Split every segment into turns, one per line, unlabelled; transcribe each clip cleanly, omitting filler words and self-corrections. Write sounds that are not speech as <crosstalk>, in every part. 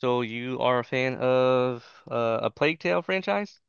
So you are a fan of a Plague Tale franchise?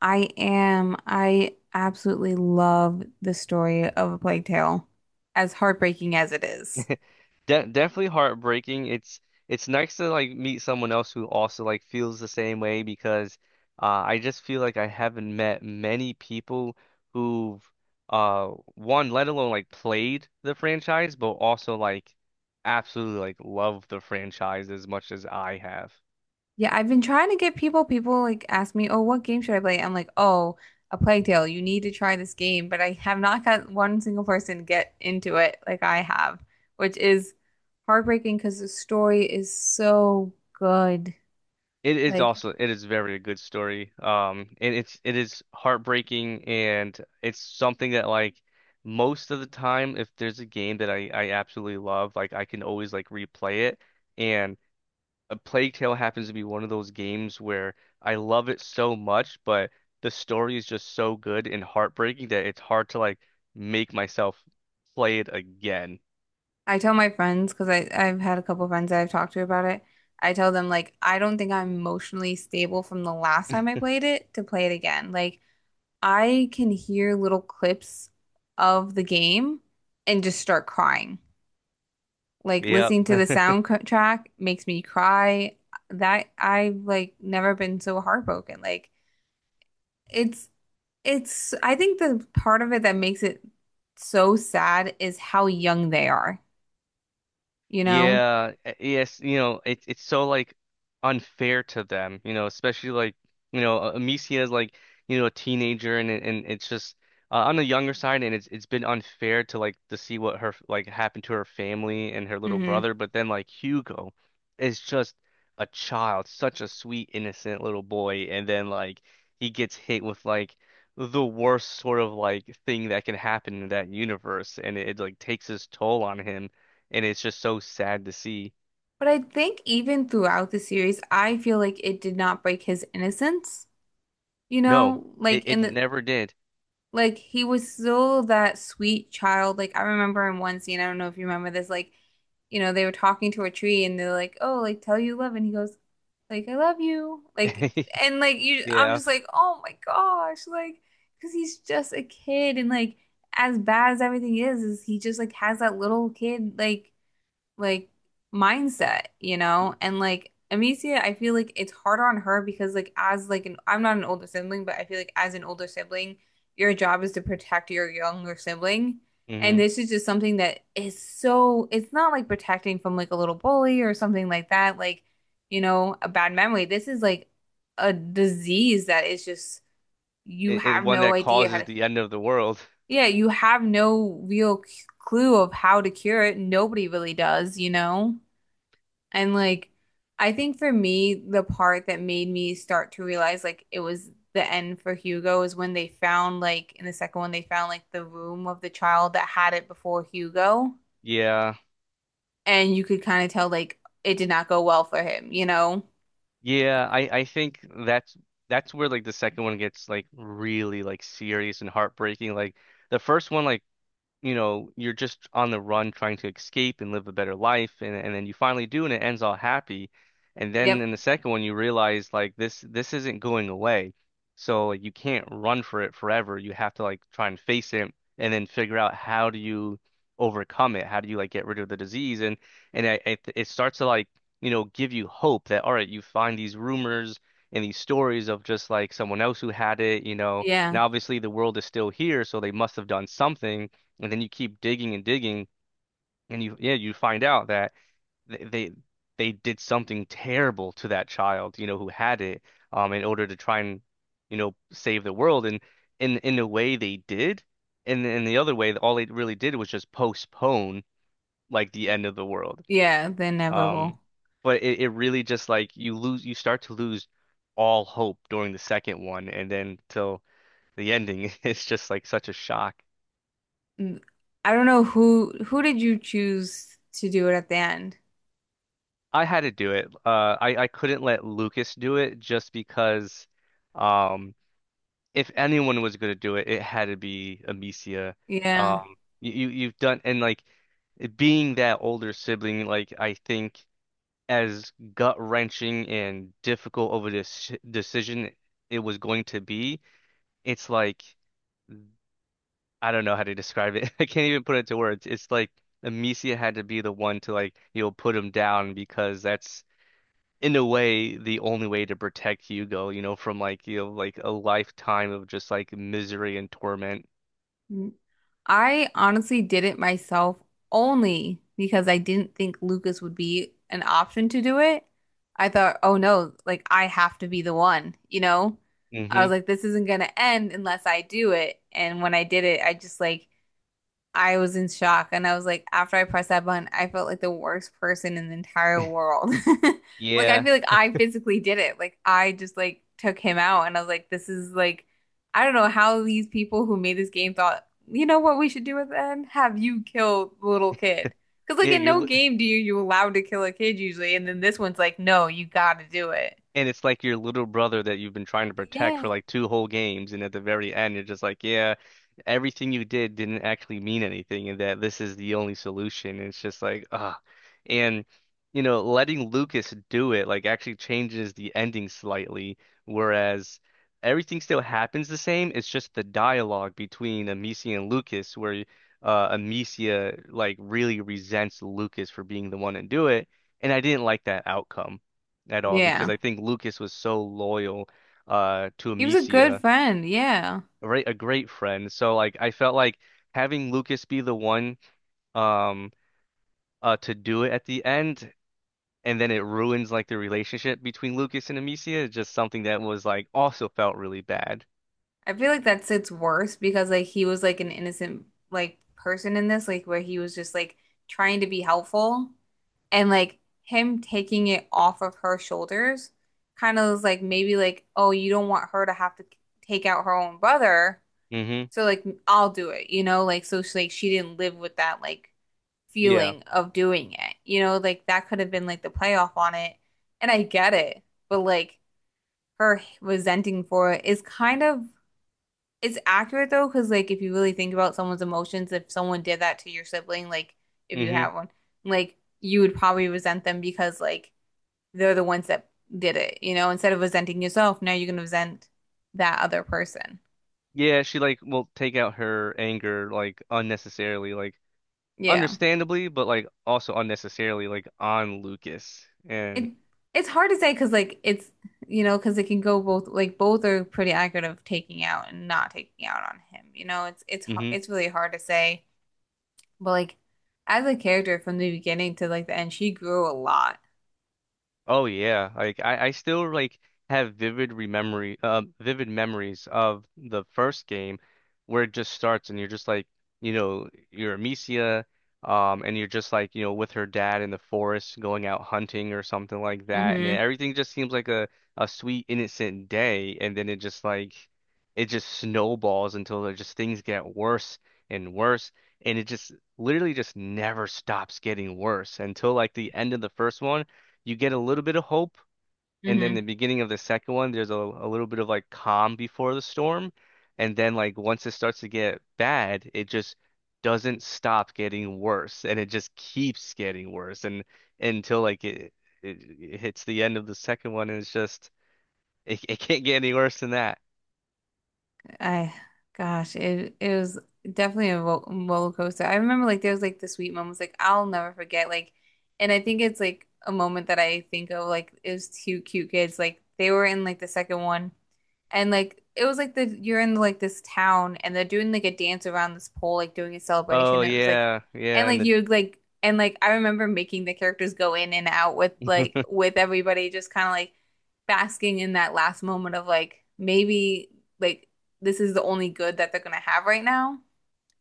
I am. I absolutely love the story of A Plague Tale, as heartbreaking as it is.
<laughs> De Definitely heartbreaking. It's nice to like meet someone else who also like feels the same way because I just feel like I haven't met many people who've uh one, let alone like played the franchise, but also like absolutely like love the franchise as much as I have.
Yeah, I've been trying to get people like ask me, oh, what game should I play? I'm like, oh, A Plague Tale, you need to try this game. But I have not got one single person get into it like I have, which is heartbreaking because the story is so good.
It is
Like,
also it is very good story. And it is heartbreaking, and it's something that like most of the time, if there's a game that I absolutely love, like I can always like replay it. And A Plague Tale happens to be one of those games where I love it so much, but the story is just so good and heartbreaking that it's hard to like make myself play it again.
I tell my friends because I've had a couple friends that I've talked to about it. I tell them like I don't think I'm emotionally stable from the last time I played it to play it again. Like I can hear little clips of the game and just start crying. Like
Yep.
listening to the
<laughs>
soundtrack makes me cry. That I've like never been so heartbroken. Like it's it's I think the part of it that makes it so sad is how young they are, you know?
Yeah, yes, you know, it's so like unfair to them, you know, especially like, you know, Amicia is like, you know, a teenager and it's just on the younger side and it's been unfair to like to see what her like happened to her family and her little
Hmm.
brother, but then like Hugo is just a child, such a sweet, innocent little boy, and then like he gets hit with like the worst sort of like thing that can happen in that universe and it like takes its toll on him and it's just so sad to see.
But I think even throughout the series, I feel like it did not break his innocence, you
No,
know?
it,
Like in
it
the
never did.
like he was still that sweet child. Like I remember in one scene, I don't know if you remember this, like, you know, they were talking to a tree and they're like, oh, like tell you love and he goes, like, I love you. Like
<laughs>
and like you I'm
Yeah.
just like, oh my gosh, like because he's just a kid and like as bad as everything is he just like has that little kid like mindset, you know? And like Amicia, I feel like it's harder on her because like as like an I'm not an older sibling, but I feel like as an older sibling, your job is to protect your younger sibling. And
Mm-hmm.
this is just something that is so it's not like protecting from like a little bully or something like that, like, you know, a bad memory. This is like a disease that is just you
It
have
one
no
that
idea how
causes
to
the end of the world.
yeah, you have no real c- clue of how to cure it. Nobody really does, you know? And like, I think for me, the part that made me start to realize like it was the end for Hugo is when they found like in the second one, they found like the room of the child that had it before Hugo.
Yeah.
And you could kind of tell like it did not go well for him, you know?
Yeah, I think that's that's where like the second one gets like really like serious and heartbreaking. Like the first one like you know, you're just on the run trying to escape and live a better life and then you finally do and it ends all happy. And then
Yep.
in the second one you realize like this isn't going away. So like, you can't run for it forever. You have to like try and face it and then figure out how do you overcome it? How do you like get rid of the disease? And I, it starts to like, you know, give you hope that all right, you find these rumors and these stories of just like someone else who had it, you know,
Yeah.
and obviously the world is still here, so they must have done something and then you keep digging and digging, and you yeah, you find out that they they, they did something terrible to that child, you know, who had it, in order to try and, you know, save the world. And in a way they did, and in the other way, all they really did was just postpone like the end of the world.
Yeah, the inevitable.
Um, but it really just like you lose, you start to lose all hope during the second one, and then till the ending, <laughs> it's just like such a shock.
Mm, I don't know who did you choose to do it at the end?
I had to do it. I couldn't let Lucas do it just because, um, if anyone was gonna do it, it had to be Amicia.
Yeah.
You've done and like being that older sibling, like I think as gut wrenching and difficult of a decision it was going to be, it's like I don't know how to describe it. <laughs> I can't even put it to words. It's like Amicia had to be the one to like you know put him down because that's in a way the only way to protect Hugo, you know, from like you know like a lifetime of just like misery and torment.
Mm. I honestly did it myself only because I didn't think Lucas would be an option to do it. I thought, oh no, like I have to be the one, you know? I
Hmm
was like, this isn't gonna end unless I do it. And when I did it, I just like I was in shock. And I was like, after I pressed that button, I felt like the worst person in the entire
<laughs>
world. <laughs> Like, I
Yeah.
feel like I physically did it. Like, I just like took him out. And I was like, this is like, I don't know how these people who made this game thought, you know what we should do with then? Have you kill the little kid. Because, like,
Yeah,
in no
you're
game do you allowed to kill a kid usually. And then this one's like, no, you gotta do it.
And it's like your little brother that you've been trying to protect for
Yeah.
like two whole games, and at the very end, you're just like, yeah, everything you did didn't actually mean anything, and that this is the only solution. It's just like, ah, and you know, letting Lucas do it like actually changes the ending slightly, whereas everything still happens the same. It's just the dialogue between Amicia and Lucas, where Amicia like really resents Lucas for being the one to do it, and I didn't like that outcome at all because
Yeah.
I think Lucas was so loyal to
He was a good
Amicia,
friend. Yeah.
right? A great friend. So like I felt like having Lucas be the one um to do it at the end and then it ruins like the relationship between Lucas and Amicia is just something that was like also felt really bad.
I feel like that's it's worse because like he was like an innocent like person in this, like where he was just like trying to be helpful and like him taking it off of her shoulders kind of was like maybe like, oh, you don't want her to have to take out her own brother,
Hmm
so like I'll do it, you know, like so she, like she didn't live with that like
Yeah.
feeling of doing it, you know, like that could have been like the playoff on it, and I get it, but like her resenting for it is kind of it's accurate though, because like if you really think about someone's emotions, if someone did that to your sibling, like if you
hmm
have one, like you would probably resent them because like they're the ones that did it, you know, instead of resenting yourself, now you're gonna resent that other person.
Yeah, she like will take out her anger like unnecessarily, like
Yeah.
understandably, but like also unnecessarily like on Lucas. And
It it's hard to say because like it's you know, because it can go both like both are pretty accurate of taking out and not taking out on him. You know, it's har-
mhm.
it's really hard to say, but like as a character from the beginning to like the end, she grew a lot.
Oh yeah, like I still like have vivid vivid memories of the first game where it just starts and you're just like, you know, you're Amicia, and you're just like, you know, with her dad in the forest going out hunting or something like that, and then
Mm-hmm.
everything just seems like a sweet innocent day, and then it just like, it just snowballs until it just things get worse and worse, and it just literally just never stops getting worse until like the end of the first one you get a little bit of hope, and then the
Mm-hmm.
beginning of the second one, there's a little bit of like calm before the storm, and then like once it starts to get bad, it just doesn't stop getting worse, and it just keeps getting worse, and until like it, it hits the end of the second one, and it's just it can't get any worse than that.
I, gosh, it was definitely a ro roller coaster. I remember like there was like the sweet moments like I'll never forget like, and I think it's like a moment that I think of like it was two cute kids like they were in like the second one. And like it was like the you're in like this town and they're doing like a dance around this pole, like doing a
Oh
celebration. It was like
yeah,
and
yeah,
like
and
you would like and like I remember making the characters go in and out with like
the
with everybody just kind of like basking in that last moment of like maybe like this is the only good that they're gonna have right now,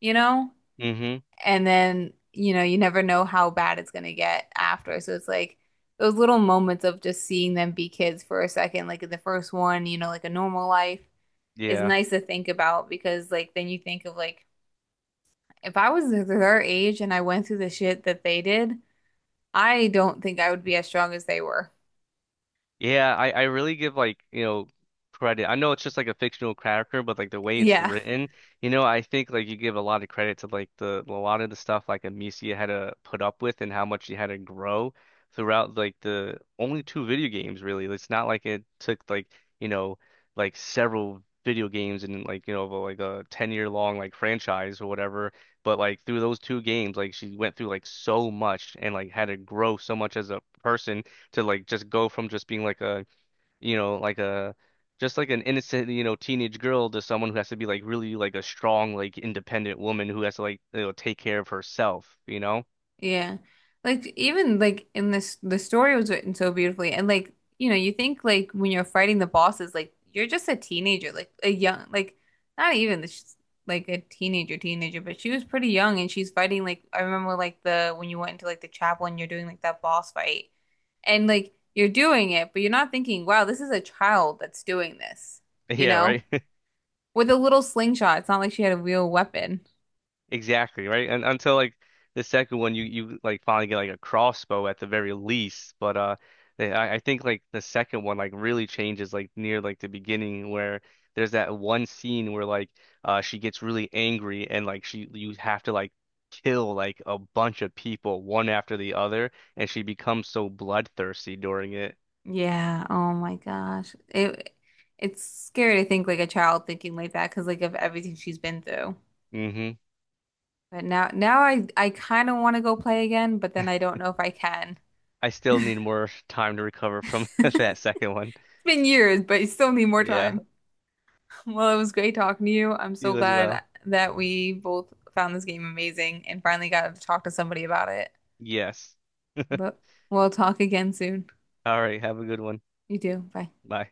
you know?
<laughs> hmm
And then, you know, you never know how bad it's gonna get after. So it's like those little moments of just seeing them be kids for a second, like in the first one, you know, like a normal life is
yeah.
nice to think about because like then you think of like if I was their age and I went through the shit that they did, I don't think I would be as strong as they were.
Yeah, I really give like, you know, credit. I know it's just like a fictional character, but like the way it's
Yeah.
written, you know, I think like you give a lot of credit to like the a lot of the stuff like Amicia had to put up with and how much she had to grow throughout like the only two video games really. It's not like it took like, you know, like several video games and like, you know, like a 10-year long like franchise or whatever, but like through those two games, like she went through like so much and like had to grow so much as a person to like just go from just being like you know, like a just like an innocent, you know, teenage girl to someone who has to be like really like a strong, like independent woman who has to like, you know, take care of herself, you know? <laughs>
Yeah. Like even like in this the story was written so beautifully and like you know you think like when you're fighting the bosses like you're just a teenager like a young like not even this like a teenager teenager but she was pretty young and she's fighting like I remember like the when you went into like the chapel and you're doing like that boss fight and like you're doing it but you're not thinking wow this is a child that's doing this you
Yeah,
know
right.
with a little slingshot it's not like she had a real weapon.
Exactly, right? And until like the second one you you like finally get like a crossbow at the very least. But I think like the second one like really changes like near like the beginning where there's that one scene where like she gets really angry and like she you have to like kill like a bunch of people one after the other and she becomes so bloodthirsty during it.
Yeah. Oh my gosh. It's scary to think like a child thinking like that because like of everything she's been through.
Hmm
But now I kind of want to go play again, but then I don't know if I can.
I still need more time to recover from <laughs>
<laughs>
that second one.
It's been years, but you still need more
Yeah,
time. Well, it was great talking to you. I'm so
you as
glad
well.
that we both found this game amazing and finally got to talk to somebody about it.
Yes. <laughs>
But we'll talk again soon.
All right. Have a good one.
You do. Bye.
Bye.